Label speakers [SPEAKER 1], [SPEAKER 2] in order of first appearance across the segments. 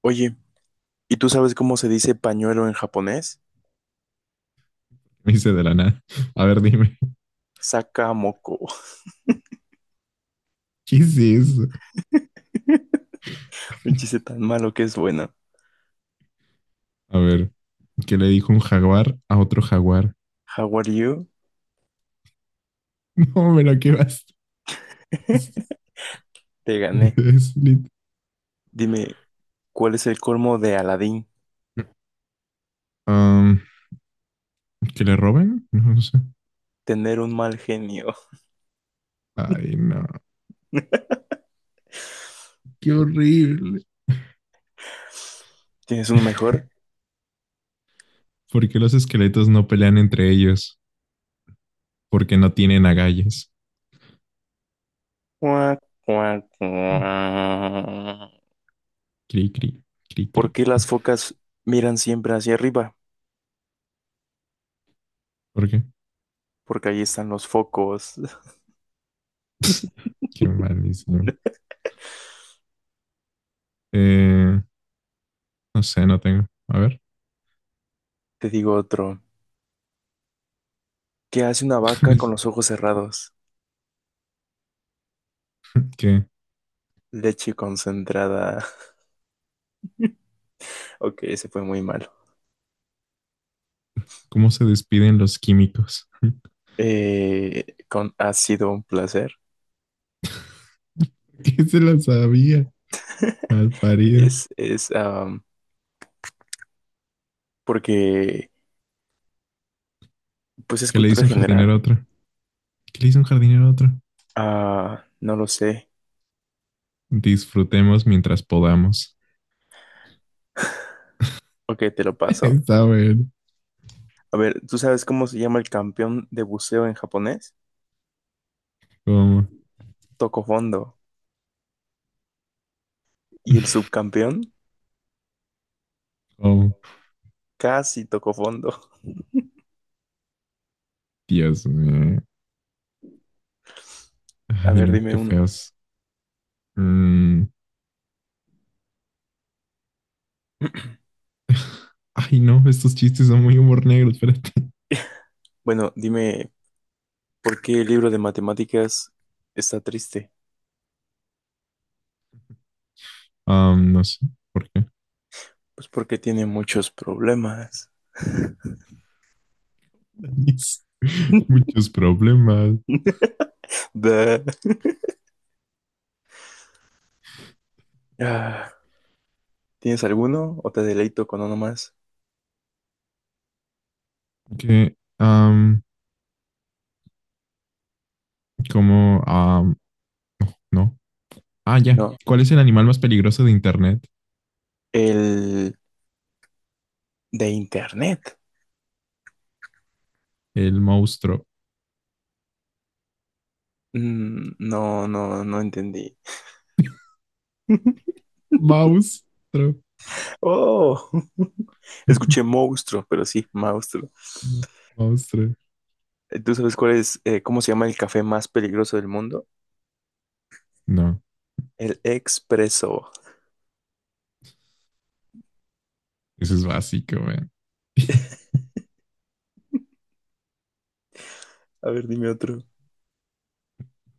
[SPEAKER 1] Oye, ¿y tú sabes cómo se dice pañuelo en japonés?
[SPEAKER 2] Me hice de la nada. A ver, dime.
[SPEAKER 1] Sakamoko.
[SPEAKER 2] ¿Qué es eso?
[SPEAKER 1] Un chiste tan malo que es bueno.
[SPEAKER 2] A ver, ¿qué le dijo un jaguar a otro jaguar?
[SPEAKER 1] How are you?
[SPEAKER 2] No, pero qué bastas.
[SPEAKER 1] Te gané.
[SPEAKER 2] Es
[SPEAKER 1] Dime, ¿cuál es el colmo de Aladín?
[SPEAKER 2] Am, ¿que le roben? No sé.
[SPEAKER 1] Tener un mal genio.
[SPEAKER 2] Ay, no. Qué horrible.
[SPEAKER 1] ¿Tienes uno mejor?
[SPEAKER 2] ¿Por qué los esqueletos no pelean entre ellos? Porque no tienen agallas.
[SPEAKER 1] Cuac, cuac, cuac.
[SPEAKER 2] Cri, cri, cri,
[SPEAKER 1] ¿Por
[SPEAKER 2] cri.
[SPEAKER 1] qué las focas miran siempre hacia arriba?
[SPEAKER 2] ¿Por qué?
[SPEAKER 1] Porque ahí están los focos.
[SPEAKER 2] Qué malísimo. Eh, no sé, no tengo. A ver,
[SPEAKER 1] Te digo otro. ¿Qué hace una vaca con los ojos cerrados?
[SPEAKER 2] ¿qué?
[SPEAKER 1] Leche concentrada. Ok, ese fue muy malo.
[SPEAKER 2] ¿Cómo se despiden los químicos?
[SPEAKER 1] Con, ha sido un placer.
[SPEAKER 2] ¿Qué se la sabía? Mal parido.
[SPEAKER 1] Es porque, pues es
[SPEAKER 2] ¿Qué le dice
[SPEAKER 1] cultura
[SPEAKER 2] un
[SPEAKER 1] general.
[SPEAKER 2] jardinero a otro? ¿Qué le dice un jardinero a otro?
[SPEAKER 1] Ah, no lo sé.
[SPEAKER 2] Disfrutemos mientras podamos.
[SPEAKER 1] Ok, te lo paso.
[SPEAKER 2] Está bueno.
[SPEAKER 1] A ver, ¿tú sabes cómo se llama el campeón de buceo en japonés?
[SPEAKER 2] ¿Cómo?
[SPEAKER 1] Tocó fondo. ¿Y el subcampeón?
[SPEAKER 2] Oh,
[SPEAKER 1] Casi tocó fondo.
[SPEAKER 2] Dios mío.
[SPEAKER 1] A
[SPEAKER 2] Ay,
[SPEAKER 1] ver,
[SPEAKER 2] no,
[SPEAKER 1] dime
[SPEAKER 2] qué
[SPEAKER 1] uno.
[SPEAKER 2] feos. Mm. Ay, no, estos chistes son muy humor negro, espérate.
[SPEAKER 1] Bueno, dime, ¿por qué el libro de matemáticas está triste?
[SPEAKER 2] No sé por qué.
[SPEAKER 1] Pues porque tiene muchos problemas.
[SPEAKER 2] Muchos problemas.
[SPEAKER 1] Da. Ah, ¿tienes alguno o te deleito con uno más?
[SPEAKER 2] Que, um, como, um, no. Ah, ya.
[SPEAKER 1] No,
[SPEAKER 2] ¿Cuál es el animal más peligroso de Internet?
[SPEAKER 1] el de internet.
[SPEAKER 2] El monstruo.
[SPEAKER 1] Mm, no, no entendí.
[SPEAKER 2] Monstruo.
[SPEAKER 1] Oh, escuché monstruo, pero sí, monstruo.
[SPEAKER 2] Monstruo.
[SPEAKER 1] ¿Tú sabes cuál es, cómo se llama el café más peligroso del mundo?
[SPEAKER 2] No,
[SPEAKER 1] El expreso.
[SPEAKER 2] eso es básico, man.
[SPEAKER 1] A ver, dime otro.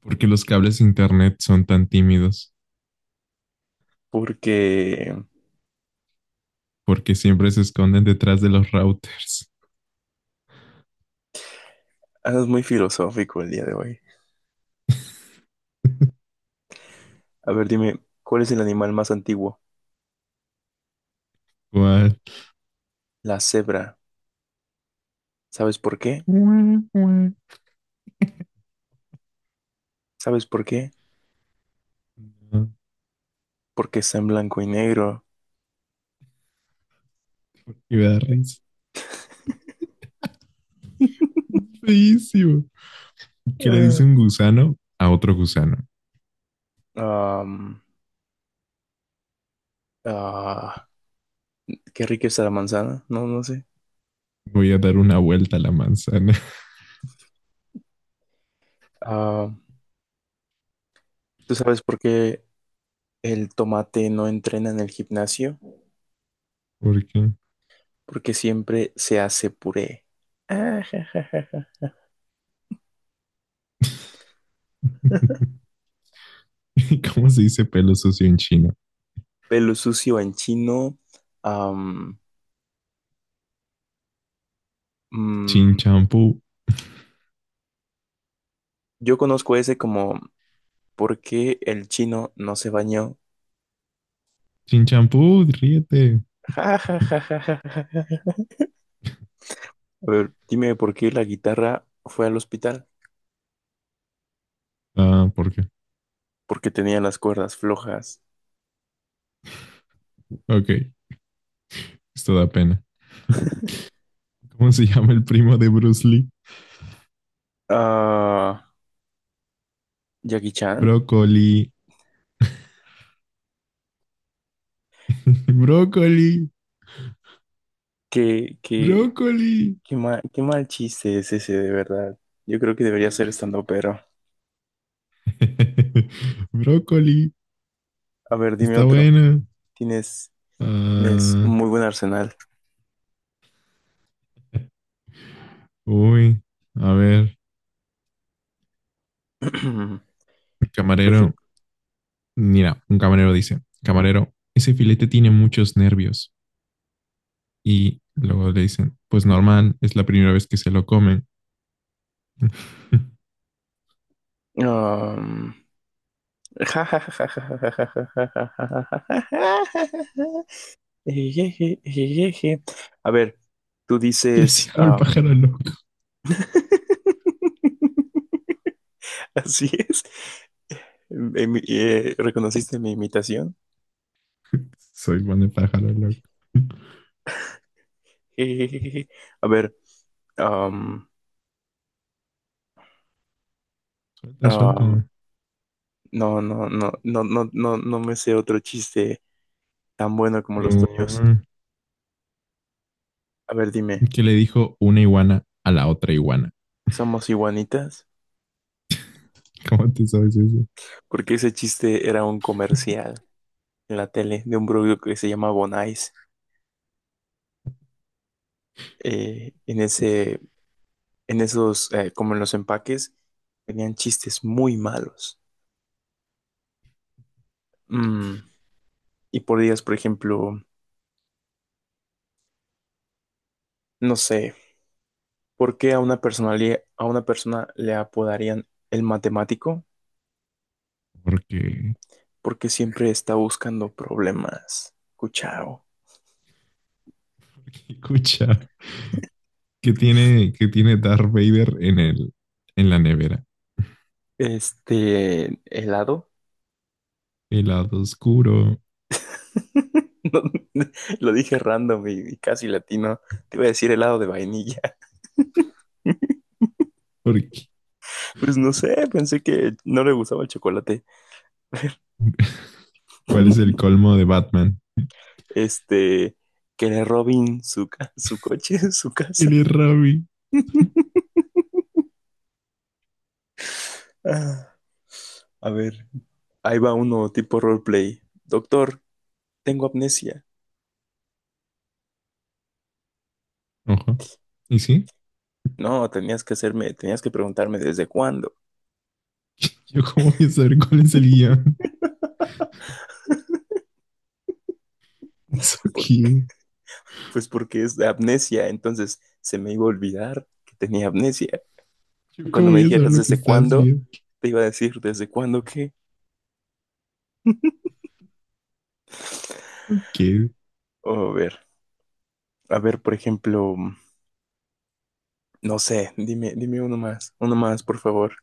[SPEAKER 2] ¿Porque los cables de internet son tan tímidos?
[SPEAKER 1] Porque
[SPEAKER 2] Porque siempre se esconden detrás de los routers.
[SPEAKER 1] andas muy filosófico el día de hoy. A ver, dime, ¿cuál es el animal más antiguo?
[SPEAKER 2] ¿Cuál?
[SPEAKER 1] La cebra. ¿Sabes por qué?
[SPEAKER 2] Guau, guau.
[SPEAKER 1] ¿Sabes por qué?
[SPEAKER 2] No,
[SPEAKER 1] Porque está en blanco y negro.
[SPEAKER 2] y me da risa. Feísimo. ¿Qué le dice un gusano a otro gusano?
[SPEAKER 1] Ah, am, Ah, qué rica está la manzana, no, no sé.
[SPEAKER 2] Voy a dar una vuelta a la manzana.
[SPEAKER 1] Ah, ¿tú sabes por qué el tomate no entrena en el gimnasio?
[SPEAKER 2] ¿Por qué?
[SPEAKER 1] Porque siempre se hace puré. Ah, ja, ja, ja, ja.
[SPEAKER 2] ¿Cómo se dice pelo sucio en chino?
[SPEAKER 1] Pelo sucio en chino. am,
[SPEAKER 2] Chin
[SPEAKER 1] mm,
[SPEAKER 2] champú.
[SPEAKER 1] yo conozco ese como ¿por qué el chino no se bañó?
[SPEAKER 2] Chin champú, ríete.
[SPEAKER 1] Ja, ja, ja, ja, ja, ja, ja. A ver, dime por qué la guitarra fue al hospital.
[SPEAKER 2] Ah, ¿por qué?
[SPEAKER 1] Porque tenía las cuerdas flojas.
[SPEAKER 2] Ok, esto da pena. ¿Cómo se llama el primo de Bruce Lee?
[SPEAKER 1] Ah, Jackie Chan.
[SPEAKER 2] Brócoli. Brócoli.
[SPEAKER 1] ¿Qué, qué,
[SPEAKER 2] Brócoli.
[SPEAKER 1] Qué mal chiste es ese, de verdad. Yo creo que debería ser estando, pero.
[SPEAKER 2] Brócoli.
[SPEAKER 1] A ver, dime
[SPEAKER 2] Está
[SPEAKER 1] otro.
[SPEAKER 2] buena.
[SPEAKER 1] Tienes, tienes
[SPEAKER 2] Ah,
[SPEAKER 1] un muy buen arsenal.
[SPEAKER 2] uy. A ver.
[SPEAKER 1] Por
[SPEAKER 2] Camarero.
[SPEAKER 1] ejemplo.
[SPEAKER 2] Mira, un camarero dice, camarero, ese filete tiene muchos nervios. Y luego le dicen, pues normal, es la primera vez que se lo comen.
[SPEAKER 1] um, Ejeje, ejeje. A ver, tú
[SPEAKER 2] Le
[SPEAKER 1] dices.
[SPEAKER 2] sigo el pájaro loco.
[SPEAKER 1] Así es. ¿Reconociste mi imitación?
[SPEAKER 2] Soy buen de pájaro loco.
[SPEAKER 1] Ejejeje. A ver. um,
[SPEAKER 2] Suelta,
[SPEAKER 1] um,
[SPEAKER 2] suelta.
[SPEAKER 1] No, no me sé otro chiste tan bueno como los tuyos.
[SPEAKER 2] No.
[SPEAKER 1] A ver, dime,
[SPEAKER 2] ¿Que le dijo una iguana a la otra iguana?
[SPEAKER 1] ¿somos iguanitas?
[SPEAKER 2] ¿Cómo te sabes eso?
[SPEAKER 1] Porque ese chiste era un comercial en la tele de un producto que se llama Bonais. Eh, en ese, en esos, como en los empaques, tenían chistes muy malos. Mm, y podías, por ejemplo, no sé, ¿por qué a una a una persona le apodarían el matemático?
[SPEAKER 2] Porque,
[SPEAKER 1] Porque siempre está buscando problemas. Cuchao.
[SPEAKER 2] porque escucha, ¿qué tiene Darth Vader en en la nevera?
[SPEAKER 1] Este, helado.
[SPEAKER 2] El lado oscuro.
[SPEAKER 1] Lo dije random y casi latino. Te iba a decir helado de vainilla.
[SPEAKER 2] Porque,
[SPEAKER 1] Pues no sé, pensé que no le gustaba el chocolate.
[SPEAKER 2] ¿cuál es el colmo de Batman?
[SPEAKER 1] Este, que le robin su coche, su
[SPEAKER 2] ¿Quién
[SPEAKER 1] casa.
[SPEAKER 2] es Ravi?
[SPEAKER 1] Ah, A ver, ahí va uno tipo roleplay. Doctor, tengo amnesia.
[SPEAKER 2] Ojo. ¿Y sí?
[SPEAKER 1] No, tenías que preguntarme desde cuándo.
[SPEAKER 2] ¿Yo cómo voy a saber cuál es el guión? It's
[SPEAKER 1] Por-
[SPEAKER 2] okay.
[SPEAKER 1] pues porque es de amnesia, entonces se me iba a olvidar que tenía amnesia.
[SPEAKER 2] ¿Yo
[SPEAKER 1] Cuando
[SPEAKER 2] cómo
[SPEAKER 1] me
[SPEAKER 2] voy a saber
[SPEAKER 1] dijeras
[SPEAKER 2] lo que
[SPEAKER 1] desde
[SPEAKER 2] estás
[SPEAKER 1] cuándo,
[SPEAKER 2] viendo?
[SPEAKER 1] te iba a decir desde cuándo qué.
[SPEAKER 2] ¿Qué?
[SPEAKER 1] O a ver, a ver, por ejemplo, no sé, dime uno más, por favor,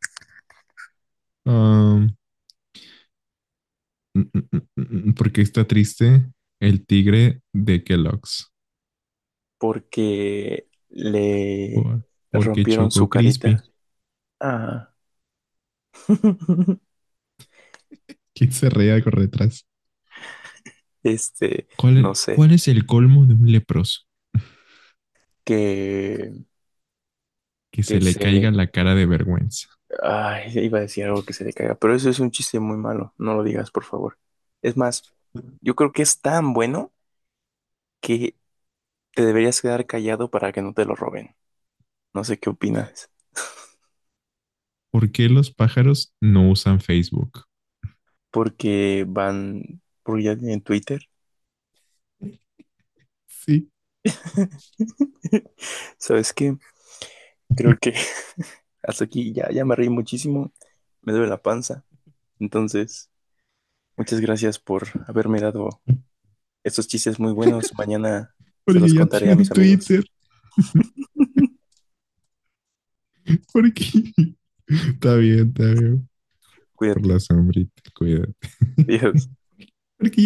[SPEAKER 2] Um, mm, mm, mm, mm, mm, ¿Por qué está triste el tigre de Kellogg's?
[SPEAKER 1] porque le
[SPEAKER 2] Por- Porque
[SPEAKER 1] rompieron
[SPEAKER 2] Choco
[SPEAKER 1] su carita.
[SPEAKER 2] Crispy,
[SPEAKER 1] Ah,
[SPEAKER 2] que se reía por detrás.
[SPEAKER 1] este, no sé,
[SPEAKER 2] ¿Cuál es el colmo de un leproso?
[SPEAKER 1] que,
[SPEAKER 2] Que se
[SPEAKER 1] que
[SPEAKER 2] le
[SPEAKER 1] se
[SPEAKER 2] caiga
[SPEAKER 1] le,
[SPEAKER 2] la cara de vergüenza.
[SPEAKER 1] ay, iba a decir algo que se le caiga, pero eso es un chiste muy malo, no lo digas, por favor. Es más, yo creo que es tan bueno que te deberías quedar callado para que no te lo roben. No sé qué opinas.
[SPEAKER 2] ¿Por qué los pájaros no usan Facebook?
[SPEAKER 1] Porque van, porque ya tienen Twitter.
[SPEAKER 2] Sí,
[SPEAKER 1] ¿Sabes qué? Creo que hasta aquí ya me reí muchísimo. Me duele la panza. Entonces, muchas gracias por haberme dado estos chistes muy buenos. Mañana se
[SPEAKER 2] porque
[SPEAKER 1] los
[SPEAKER 2] ya
[SPEAKER 1] contaré a
[SPEAKER 2] tienen
[SPEAKER 1] mis amigos.
[SPEAKER 2] Twitter. Porque... Está bien, está bien. Por
[SPEAKER 1] Cuídate.
[SPEAKER 2] la sombrita, cuídate.
[SPEAKER 1] Adiós.